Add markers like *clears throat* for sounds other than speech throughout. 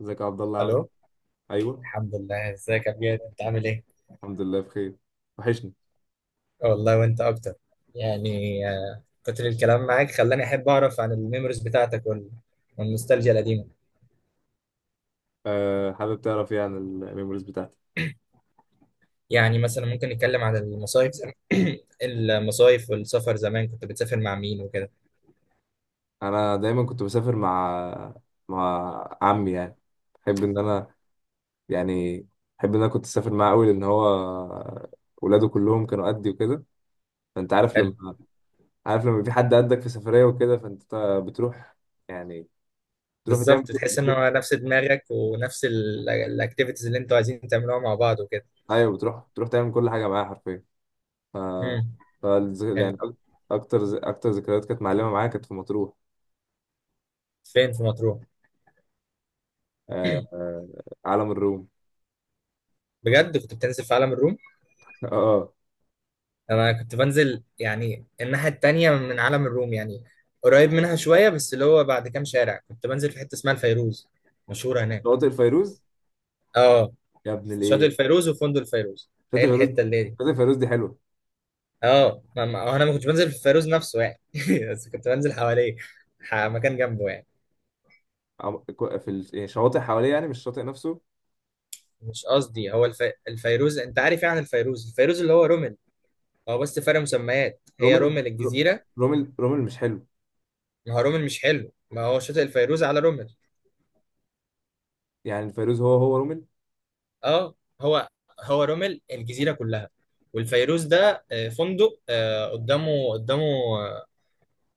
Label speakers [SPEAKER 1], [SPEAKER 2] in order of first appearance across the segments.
[SPEAKER 1] ازيك يا عبد الله عامل ايه؟
[SPEAKER 2] الو.
[SPEAKER 1] ايوه،
[SPEAKER 2] الحمد لله، ازيك يا بجد، انت عامل ايه؟
[SPEAKER 1] الحمد لله بخير. وحشني.
[SPEAKER 2] والله وانت اكتر. يعني كتر الكلام معاك خلاني احب اعرف عن الميموريز بتاعتك والنوستالجيا القديمه.
[SPEAKER 1] أه، حابب تعرف ايه عن الميموريز بتاعتي.
[SPEAKER 2] يعني مثلا ممكن نتكلم عن المصايف *clears throat* المصايف والسفر زمان، كنت بتسافر مع مين وكده؟
[SPEAKER 1] انا دايما كنت بسافر مع مع عمي، يعني. بحب ان انا يعني بحب ان انا كنت اسافر معاه قوي لان هو ولاده كلهم كانوا قدي وكده. فانت عارف
[SPEAKER 2] حلو.
[SPEAKER 1] لما عارف لما في حد قدك في سفريه وكده، فانت بتروح، يعني بتروح تعمل
[SPEAKER 2] بالظبط، تحس ان
[SPEAKER 1] بتروح...
[SPEAKER 2] هو نفس دماغك ونفس الاكتيفيتيز اللي انتوا عايزين تعملوها مع بعض وكده.
[SPEAKER 1] ايوه، بتروح تعمل كل حاجه معاه حرفيا. ف...
[SPEAKER 2] امم
[SPEAKER 1] ف يعني
[SPEAKER 2] حلو.
[SPEAKER 1] اكتر ذكريات كانت معلمه معايا كانت في مطروح.
[SPEAKER 2] فين في مطروح؟
[SPEAKER 1] آه، علم الروم.
[SPEAKER 2] بجد كنت بتنزل في عالم الروم؟
[SPEAKER 1] *laughs* اه.
[SPEAKER 2] انا كنت بنزل يعني الناحيه التانيه من عالم الروم، يعني قريب منها شويه، بس اللي هو بعد كام شارع. كنت بنزل في حته اسمها الفيروز، مشهوره هناك.
[SPEAKER 1] شواطئ الفيروز،
[SPEAKER 2] اه،
[SPEAKER 1] يا ابن
[SPEAKER 2] شاطئ
[SPEAKER 1] الايه.
[SPEAKER 2] الفيروز وفندق الفيروز،
[SPEAKER 1] شاطئ
[SPEAKER 2] هي
[SPEAKER 1] الفيروز.
[SPEAKER 2] الحته اللي دي.
[SPEAKER 1] شاطئ الفيروز دي حلوه.
[SPEAKER 2] اه، انا ما كنتش بنزل في الفيروز نفسه يعني، *laughs* بس كنت بنزل حواليه، مكان جنبه يعني.
[SPEAKER 1] يعني شواطئ حواليه، يعني مش الشاطئ نفسه.
[SPEAKER 2] مش قصدي، هو الفيروز انت عارف، يعني الفيروز، اللي هو رومل. هو بس فرق مسميات، هي
[SPEAKER 1] رومل
[SPEAKER 2] رومل
[SPEAKER 1] رو-
[SPEAKER 2] الجزيره.
[SPEAKER 1] رومل مش حلو.
[SPEAKER 2] ما هو رومل مش حلو، ما هو شاطئ الفيروز على رومل.
[SPEAKER 1] يعني الفيروز هو هو رومل.
[SPEAKER 2] اه، هو هو رومل الجزيره كلها. والفيروز ده فندق، قدامه،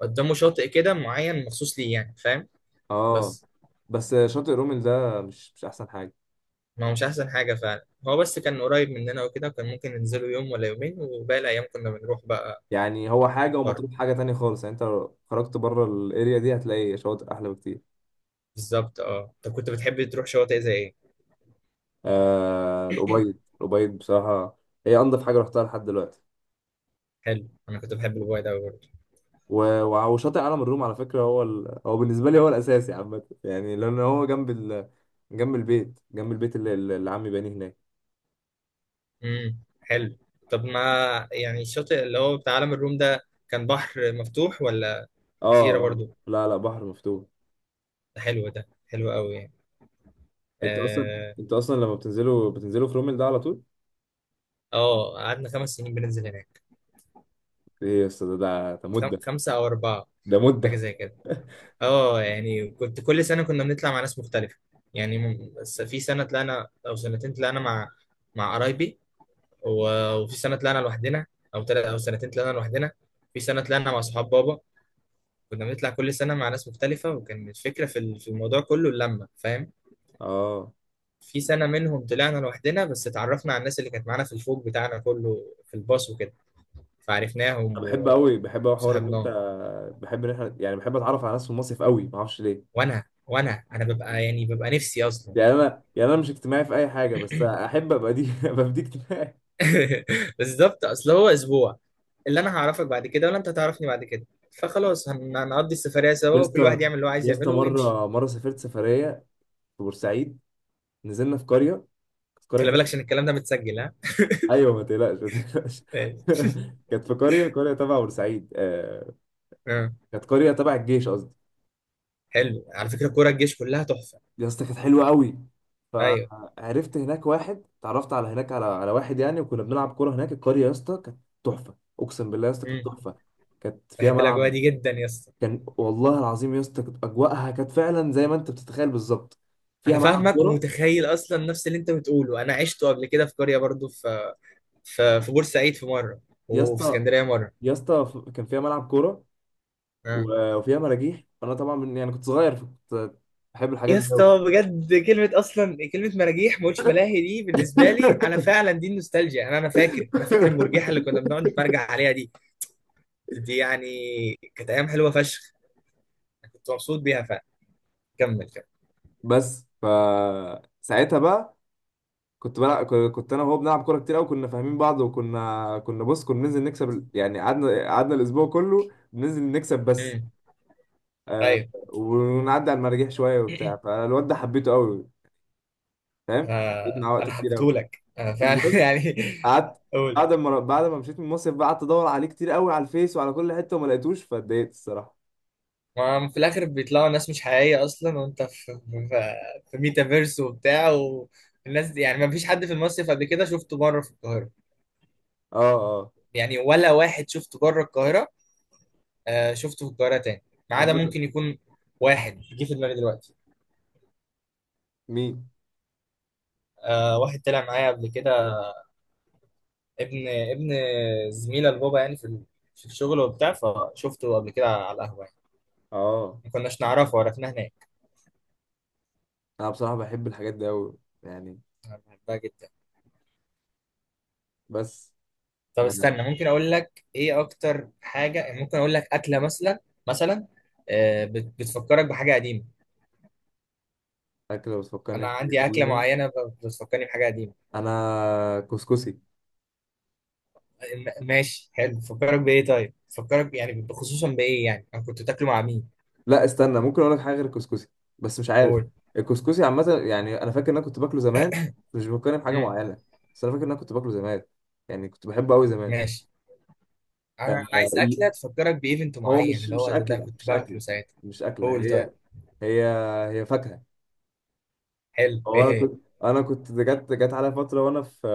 [SPEAKER 2] قدامه شاطئ كده معين مخصوص ليه، يعني فاهم؟
[SPEAKER 1] اه.
[SPEAKER 2] بس.
[SPEAKER 1] بس شاطئ رومل ده مش احسن حاجه.
[SPEAKER 2] ما هو مش احسن حاجه فعلا، هو بس كان قريب مننا وكده، وكان ممكن ننزله يوم ولا يومين وباقي الايام كنا بنروح بقى.
[SPEAKER 1] يعني هو حاجه
[SPEAKER 2] بره.
[SPEAKER 1] ومطروح حاجه تانية خالص، يعني انت لو خرجت بره الاريا دي هتلاقي شواطئ احلى بكتير.
[SPEAKER 2] بالظبط، اه. طب كنت بتحب تروح شواطئ زي ايه؟
[SPEAKER 1] آه، الأبيض بصراحه، هي انضف حاجه رحتها لحد دلوقتي.
[SPEAKER 2] حلو، انا كنت بحب الواي ده برضه.
[SPEAKER 1] وشاطئ عالم الروم على فكرة هو بالنسبة لي هو الأساسي عامة، يعني لأن هو جنب جنب البيت، اللي، اللي عمي بانيه هناك.
[SPEAKER 2] حلو. طب ما يعني الشاطئ اللي هو بتاع عالم الروم ده، كان بحر مفتوح ولا
[SPEAKER 1] اه
[SPEAKER 2] جزيره
[SPEAKER 1] اه،
[SPEAKER 2] برضه؟
[SPEAKER 1] لا لا، بحر مفتوح.
[SPEAKER 2] ده حلو، ده حلو قوي.
[SPEAKER 1] انت اصلا
[SPEAKER 2] اه.
[SPEAKER 1] انت اصلا لما بتنزلوا في رومل ده على طول.
[SPEAKER 2] قعدنا خمس سنين بننزل هناك.
[SPEAKER 1] ايه يا اسطى، ده مدة.
[SPEAKER 2] خمسة أو أربعة،
[SPEAKER 1] ده
[SPEAKER 2] حاجة
[SPEAKER 1] مدة.
[SPEAKER 2] زي كده.
[SPEAKER 1] *laughs*
[SPEAKER 2] اه، يعني كنت كل سنة، كنا بنطلع مع ناس مختلفة. بس في سنة طلعنا أو سنتين طلعنا مع مع قرايبي، وفي سنة طلعنا لوحدنا، أو تلات أو سنتين طلعنا لوحدنا. في سنة طلعنا مع صحاب بابا. كنا بنطلع كل سنة مع ناس مختلفة، وكان الفكرة في في الموضوع كله اللمة، فاهم؟
[SPEAKER 1] اه.
[SPEAKER 2] في سنة منهم طلعنا لوحدنا، بس اتعرفنا على الناس اللي كانت معانا في الفوج بتاعنا كله، في الباص وكده،
[SPEAKER 1] انا
[SPEAKER 2] فعرفناهم
[SPEAKER 1] بحب
[SPEAKER 2] و-
[SPEAKER 1] قوي، حوار ان انت،
[SPEAKER 2] وصاحبناهم.
[SPEAKER 1] بحب ان احنا، يعني بحب اتعرف على ناس في المصيف قوي، ما اعرفش ليه.
[SPEAKER 2] وانا انا ببقى يعني ببقى نفسي اصلا.
[SPEAKER 1] يعني انا، يعني انا مش اجتماعي في اي حاجة، بس احب ابقى دي *laughs* ابقى في دي اجتماعي.
[SPEAKER 2] *laughs* بالظبط، اصل هو اسبوع، اللي انا هعرفك بعد كده ولا انت هتعرفني بعد كده، فخلاص هنقضي السفرية
[SPEAKER 1] يا
[SPEAKER 2] سوا، وكل واحد
[SPEAKER 1] اسطى،
[SPEAKER 2] يعمل اللي هو عايز
[SPEAKER 1] يا اسطى،
[SPEAKER 2] يعمله ويمشي.
[SPEAKER 1] مره سافرت سفريه في بورسعيد، نزلنا في قريه، كانت قريه
[SPEAKER 2] خلي
[SPEAKER 1] تبع.
[SPEAKER 2] بالك عشان الكلام ده متسجل، ها.
[SPEAKER 1] *laughs* ايوه، ما تقلقش، ما تقلقش.
[SPEAKER 2] أيوة.
[SPEAKER 1] *laughs* كانت في قريه، قريه تبع بورسعيد،
[SPEAKER 2] آه.
[SPEAKER 1] كانت قريه تبع الجيش قصدي.
[SPEAKER 2] حلو، على فكرة كورة الجيش كلها تحفة.
[SPEAKER 1] يا اسطى كانت حلوه قوي.
[SPEAKER 2] ايوه.
[SPEAKER 1] فعرفت هناك واحد، اتعرفت على هناك على واحد يعني، وكنا بنلعب كوره هناك. القريه يا اسطى كانت تحفه، اقسم بالله يا اسطى كانت
[SPEAKER 2] مم.
[SPEAKER 1] تحفه، كانت فيها
[SPEAKER 2] بحب الاجواء
[SPEAKER 1] ملعب.
[SPEAKER 2] دي جدا يا اسطى.
[SPEAKER 1] كان والله العظيم يا اسطى، كانت اجواءها كانت فعلا زي ما انت بتتخيل بالظبط.
[SPEAKER 2] انا
[SPEAKER 1] فيها ملعب
[SPEAKER 2] فاهمك
[SPEAKER 1] كوره.
[SPEAKER 2] ومتخيل، اصلا نفس اللي انت بتقوله انا عشته قبل كده في قرية برضو، في في بورسعيد في مرة،
[SPEAKER 1] يا
[SPEAKER 2] وفي
[SPEAKER 1] اسطى،
[SPEAKER 2] اسكندرية مرة.
[SPEAKER 1] يا اسطى، كان فيها ملعب كوره
[SPEAKER 2] آه.
[SPEAKER 1] وفيها مراجيح. فانا طبعا يعني كنت صغير، فكنت بحب الحاجات
[SPEAKER 2] يا
[SPEAKER 1] دي قوي.
[SPEAKER 2] اسطى بجد كلمة، أصلا كلمة مراجيح، ما قلتش ملاهي، دي بالنسبة لي أنا فعلا دي النوستالجيا. أنا فاكر، أنا فاكر المرجيحة اللي كنا
[SPEAKER 1] *laughs*
[SPEAKER 2] بنقعد نتمرجع عليها دي. دي يعني كانت أيام حلوة فشخ، أنا كنت مبسوط بيها فعلا. كمل، كمل.
[SPEAKER 1] بس ف ساعتها بقى كنت بلعب، كنت انا وهو بنلعب كوره كتير قوي، كنا فاهمين بعض. وكنا بص، كنا ننزل نكسب يعني، قعدنا الاسبوع كله بننزل نكسب بس.
[SPEAKER 2] امم
[SPEAKER 1] آه،
[SPEAKER 2] أيوه.
[SPEAKER 1] ونعدي على المراجيح شويه وبتاع. فالواد ده حبيته قوي، فاهم. قضيت معاه وقت
[SPEAKER 2] أنا
[SPEAKER 1] كتير قوي.
[SPEAKER 2] حبيتهولك أنا فعلا *laughs*
[SPEAKER 1] المهم،
[SPEAKER 2] يعني.
[SPEAKER 1] قعدت
[SPEAKER 2] قول.
[SPEAKER 1] بعد ما، مشيت من المصيف بقى، قعدت ادور عليه كتير قوي على الفيس وعلى كل حته، وما لقيتوش فاتضايقت الصراحه.
[SPEAKER 2] ما هم في الآخر بيطلعوا ناس مش حقيقية أصلا، وأنت في في, في ميتافيرس وبتاع، والناس دي يعني ما فيش حد في المصيف قبل كده شفته بره في القاهرة،
[SPEAKER 1] اه اه.
[SPEAKER 2] يعني ولا واحد شفته بره القاهرة. آه، شفته في القاهرة تاني، ما عدا
[SPEAKER 1] عامة.
[SPEAKER 2] ممكن يكون واحد جه في دماغي دلوقتي.
[SPEAKER 1] مين؟
[SPEAKER 2] آه، واحد طلع معايا قبل كده، ابن زميلة البابا يعني في في الشغل وبتاع، فشفته قبل كده على القهوة يعني،
[SPEAKER 1] اه.
[SPEAKER 2] ما كناش نعرفه، عرفناه هناك.
[SPEAKER 1] انا بصراحه بحب الحاجات دي قوي يعني.
[SPEAKER 2] أنا بحبها جدا.
[SPEAKER 1] بس
[SPEAKER 2] طب
[SPEAKER 1] آه، أنا
[SPEAKER 2] استنى، ممكن أقول لك إيه أكتر حاجة، يعني ممكن أقول لك أكلة مثلا. مثلا، آه بتفكرك بحاجة قديمة.
[SPEAKER 1] اكل لو بتفكرني
[SPEAKER 2] أنا
[SPEAKER 1] بحاجه
[SPEAKER 2] عندي أكلة
[SPEAKER 1] قديمه،
[SPEAKER 2] معينة بتفكرني بحاجة قديمة.
[SPEAKER 1] انا كسكسي.
[SPEAKER 2] ماشي، حلو، بتفكرك بإيه طيب؟ بتفكرك يعني خصوصا بإيه يعني؟ أنا كنت بتاكله مع مين؟
[SPEAKER 1] لا استنى، ممكن اقول لك حاجه غير الكسكسي، بس مش عارف.
[SPEAKER 2] قول.
[SPEAKER 1] الكسكسي عامه يعني، انا فاكر ان انا كنت باكله زمان، مش بفكرني بحاجه معينه، بس انا فاكر ان انا كنت باكله زمان، يعني كنت بحبه قوي زمان.
[SPEAKER 2] ماشي، انا
[SPEAKER 1] آه،
[SPEAKER 2] أنا عايز اكله تفكرك بايفنت
[SPEAKER 1] هو
[SPEAKER 2] معين،
[SPEAKER 1] مش
[SPEAKER 2] اللي
[SPEAKER 1] مش
[SPEAKER 2] هو ده ده
[SPEAKER 1] اكله،
[SPEAKER 2] كنت باكله ساعتها.
[SPEAKER 1] مش اكله.
[SPEAKER 2] قول طيب.
[SPEAKER 1] هي، هي هي فاكهة.
[SPEAKER 2] حلو، ايه
[SPEAKER 1] وانا
[SPEAKER 2] هي؟
[SPEAKER 1] كنت انا كنت جت على فترة وانا في،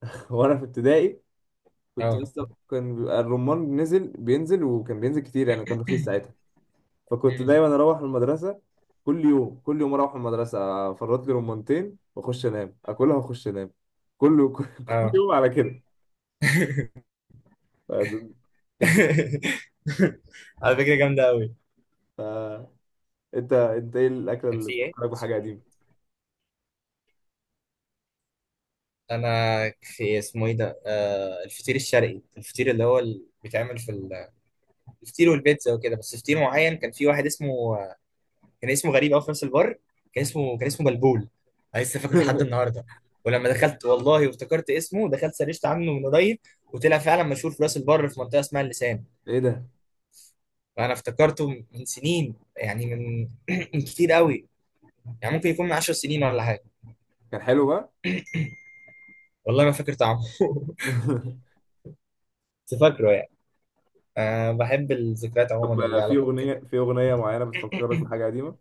[SPEAKER 1] *laughs* وانا في ابتدائي، كنت
[SPEAKER 2] اه.
[SPEAKER 1] لسه. كان بيبقى الرمان نزل بينزل، وكان بينزل كتير يعني، كان رخيص ساعتها. فكنت
[SPEAKER 2] مم.
[SPEAKER 1] دايما اروح المدرسة، كل يوم، كل يوم اروح المدرسة، افرط لي رمانتين واخش انام، اكلها واخش انام. كل *laughs* كل
[SPEAKER 2] اه.
[SPEAKER 1] يوم على كده. ف- كان في...
[SPEAKER 2] *laughs* على فكره جامده قوي.
[SPEAKER 1] ف... انت، انت ايه الاكلة
[SPEAKER 2] كان
[SPEAKER 1] اللي
[SPEAKER 2] في ايه؟
[SPEAKER 1] بتفكرك بحاجة قديمة؟
[SPEAKER 2] انا في اسمه ايه ده، آه الفطير الشرقي، الفطير اللي هو اللي بيتعمل في الفطير والبيتزا وكده، بس فطير معين كان في واحد اسمه، كان اسمه غريب قوي في نفس البر، كان اسمه بلبول. انا لسه فاكره لحد
[SPEAKER 1] *laughs*
[SPEAKER 2] النهارده، ولما دخلت والله وافتكرت اسمه، دخلت سرشت عنه من قريب، وطلع فعلا مشهور في راس البر في منطقه اسمها اللسان.
[SPEAKER 1] ايه ده.
[SPEAKER 2] وانا افتكرته من سنين، يعني من من كتير قوي، يعني ممكن يكون من 10 سنين ولا حاجه.
[SPEAKER 1] كان حلو بقى.
[SPEAKER 2] والله ما فاكر طعمه *laughs*
[SPEAKER 1] *laughs*
[SPEAKER 2] بس فاكره يعني. أه، بحب الذكريات عموما اللي
[SPEAKER 1] طب
[SPEAKER 2] ليها
[SPEAKER 1] في
[SPEAKER 2] علاقه بكده.
[SPEAKER 1] اغنيه، في اغنيه معينه بتفكرك بحاجه قديمه؟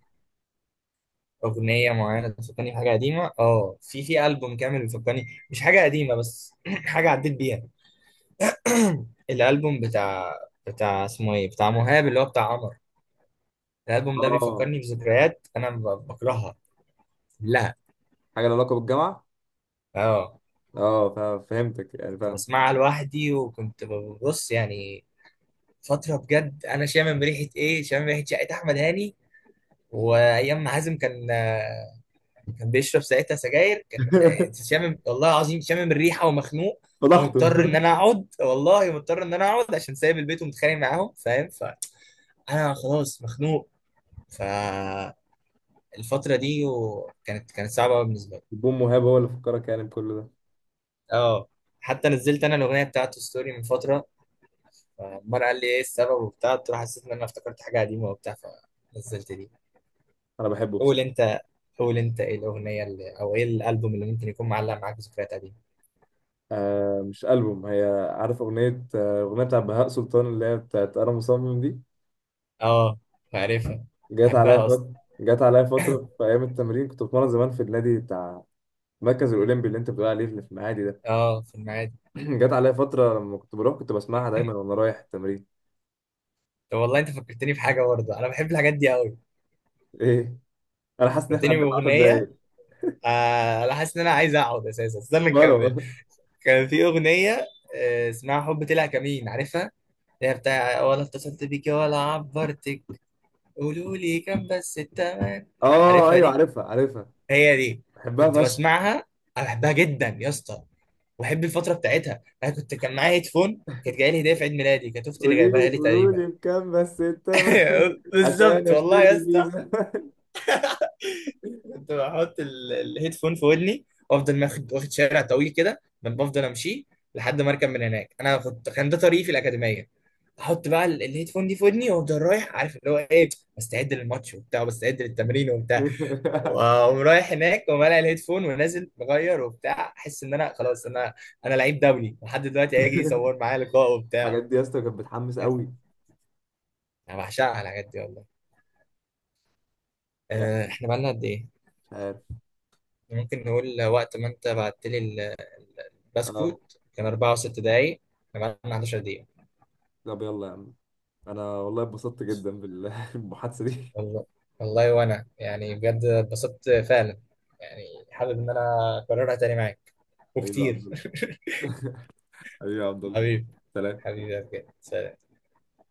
[SPEAKER 2] أغنية معينة بتفكرني بحاجة قديمة؟ آه، في في ألبوم كامل بيفكرني، مش حاجة قديمة بس، *clears throat* حاجة عديت بيها. الالبوم بتاع، بتاع اسمه ايه، بتاع مهاب اللي هو بتاع قمر. الالبوم ده
[SPEAKER 1] اه،
[SPEAKER 2] بيفكرني بذكريات انا بكرهها كلها.
[SPEAKER 1] حاجه لها علاقه بالجامعه.
[SPEAKER 2] اه.
[SPEAKER 1] اه فهمتك يعني،
[SPEAKER 2] كنت
[SPEAKER 1] فاهم.
[SPEAKER 2] بسمعها لوحدي، وكنت ببص يعني. فتره بجد انا شامم ريحه ايه، شامم ريحه شقه احمد هاني، وايام ما حازم كان كان بيشرب ساعتها سجاير، كان
[SPEAKER 1] *laughs*
[SPEAKER 2] شامم والله العظيم شامم الريحه ومخنوق،
[SPEAKER 1] فضحته.
[SPEAKER 2] ومضطر ان انا اقعد، والله مضطر ان انا اقعد عشان سايب البيت ومتخانق معاهم، فاهم؟ فانا خلاص مخنوق. ف الفترة دي كانت صعبة أوي بالنسبة لي.
[SPEAKER 1] البوم مهاب هو اللي فكرك يعني بكل ده؟
[SPEAKER 2] اه، حتى نزلت أنا الأغنية بتاعته ستوري من فترة، فعمار قال لي إيه السبب وبتاع، قلت له حسيت إن أنا افتكرت حاجة قديمة وبتاع، فنزلت دي.
[SPEAKER 1] انا بحبه
[SPEAKER 2] قول
[SPEAKER 1] بصراحه.
[SPEAKER 2] أنت، قول أنت إيه الأغنية اللي، أو إيه الألبوم اللي ممكن يكون معلق معاك ذكريات قديمة.
[SPEAKER 1] آه مش البوم هي. عارف اغنيه، آه، اغنيه بتاع بهاء سلطان اللي هي بتاعت انا مصمم دي.
[SPEAKER 2] اه، عارفها،
[SPEAKER 1] جت عليا
[SPEAKER 2] بحبها أصلا.
[SPEAKER 1] فتره، جت عليا فتره في ايام التمرين، كنت بتمرن زمان في النادي بتاع المركز الاولمبي اللي انت بتقول عليه اللي في المعادي ده.
[SPEAKER 2] اه، في المعادي.
[SPEAKER 1] *clears throat* جت عليا فتره لما كنت بروح كنت بسمعها دايما وانا رايح التمرين.
[SPEAKER 2] طب والله أنت فكرتني بحاجة برضه، أنا بحب الحاجات دي أوي.
[SPEAKER 1] ايه، انا حاسس ان احنا
[SPEAKER 2] فكرتني
[SPEAKER 1] قعدنا 10
[SPEAKER 2] بأغنية.
[SPEAKER 1] دقايق.
[SPEAKER 2] آه أنا حاسس إن أنا عايز أقعد أساسا، استنى نكمل.
[SPEAKER 1] مروة.
[SPEAKER 2] كان في أغنية، اسمها حب طلع كمين، عارفها؟ اللي هي بتاع ولا اتصلت بيكي ولا عبرتك، قولوا لي كام بس التمن.
[SPEAKER 1] اه
[SPEAKER 2] عارفها
[SPEAKER 1] ايوه،
[SPEAKER 2] دي،
[SPEAKER 1] عارفها، عارفها.
[SPEAKER 2] هي دي.
[SPEAKER 1] بحبها
[SPEAKER 2] كنت
[SPEAKER 1] فشخ.
[SPEAKER 2] بسمعها، انا بحبها جدا يا اسطى، وبحب الفتره بتاعتها. انا كنت كان معايا هيدفون كانت جايه لي هديه في عيد ميلادي، كانت اختي اللي
[SPEAKER 1] قولي لي،
[SPEAKER 2] جايبها لي
[SPEAKER 1] قولوا
[SPEAKER 2] تقريبا.
[SPEAKER 1] لي بكام بس انت. *laughs*
[SPEAKER 2] *laughs*
[SPEAKER 1] عشان
[SPEAKER 2] بالظبط والله يا
[SPEAKER 1] اشتري
[SPEAKER 2] اسطى.
[SPEAKER 1] فيزا.
[SPEAKER 2] كنت بحط الهيدفون في ودني، وافضل واخد شارع طويل كده ما بفضل امشيه لحد ما اركب من هناك. انا كنت، كان ده طريقي في الاكاديميه. احط بقى الهيدفون دي في ودني، وافضل رايح عارف اللي هو ايه، بستعد للماتش وبتاع، وبستعد للتمرين وبتاع،
[SPEAKER 1] *laughs*
[SPEAKER 2] واقوم رايح هناك ومالع الهيدفون، ونازل مغير وبتاع، احس ان انا خلاص انا، انا لعيب دولي لحد دلوقتي هيجي يصور معايا لقاء وبتاع.
[SPEAKER 1] الحاجات دي يا اسطى كانت بتحمس
[SPEAKER 2] كده.
[SPEAKER 1] قوي.
[SPEAKER 2] انا بعشقها الحاجات دي والله.
[SPEAKER 1] يعني
[SPEAKER 2] احنا بقالنا قد ايه؟
[SPEAKER 1] مش عارف.
[SPEAKER 2] ممكن نقول وقت ما انت بعت لي
[SPEAKER 1] اه،
[SPEAKER 2] البسكوت، كان 4 و6 دقايق، كان معانا 11 دقيقة.
[SPEAKER 1] طب يلا يا عم. انا والله اتبسطت جدا بالمحادثة *laughs* دي.
[SPEAKER 2] والله. والله وانا يعني بجد اتبسطت فعلا، يعني حابب ان انا اكررها تاني معاك
[SPEAKER 1] حبيبي يا
[SPEAKER 2] وكتير.
[SPEAKER 1] عبد الله. *laughs* حبيبي يا عبد
[SPEAKER 2] *laughs*
[SPEAKER 1] الله.
[SPEAKER 2] حبيبي،
[SPEAKER 1] سلام.
[SPEAKER 2] حبيبي بجد.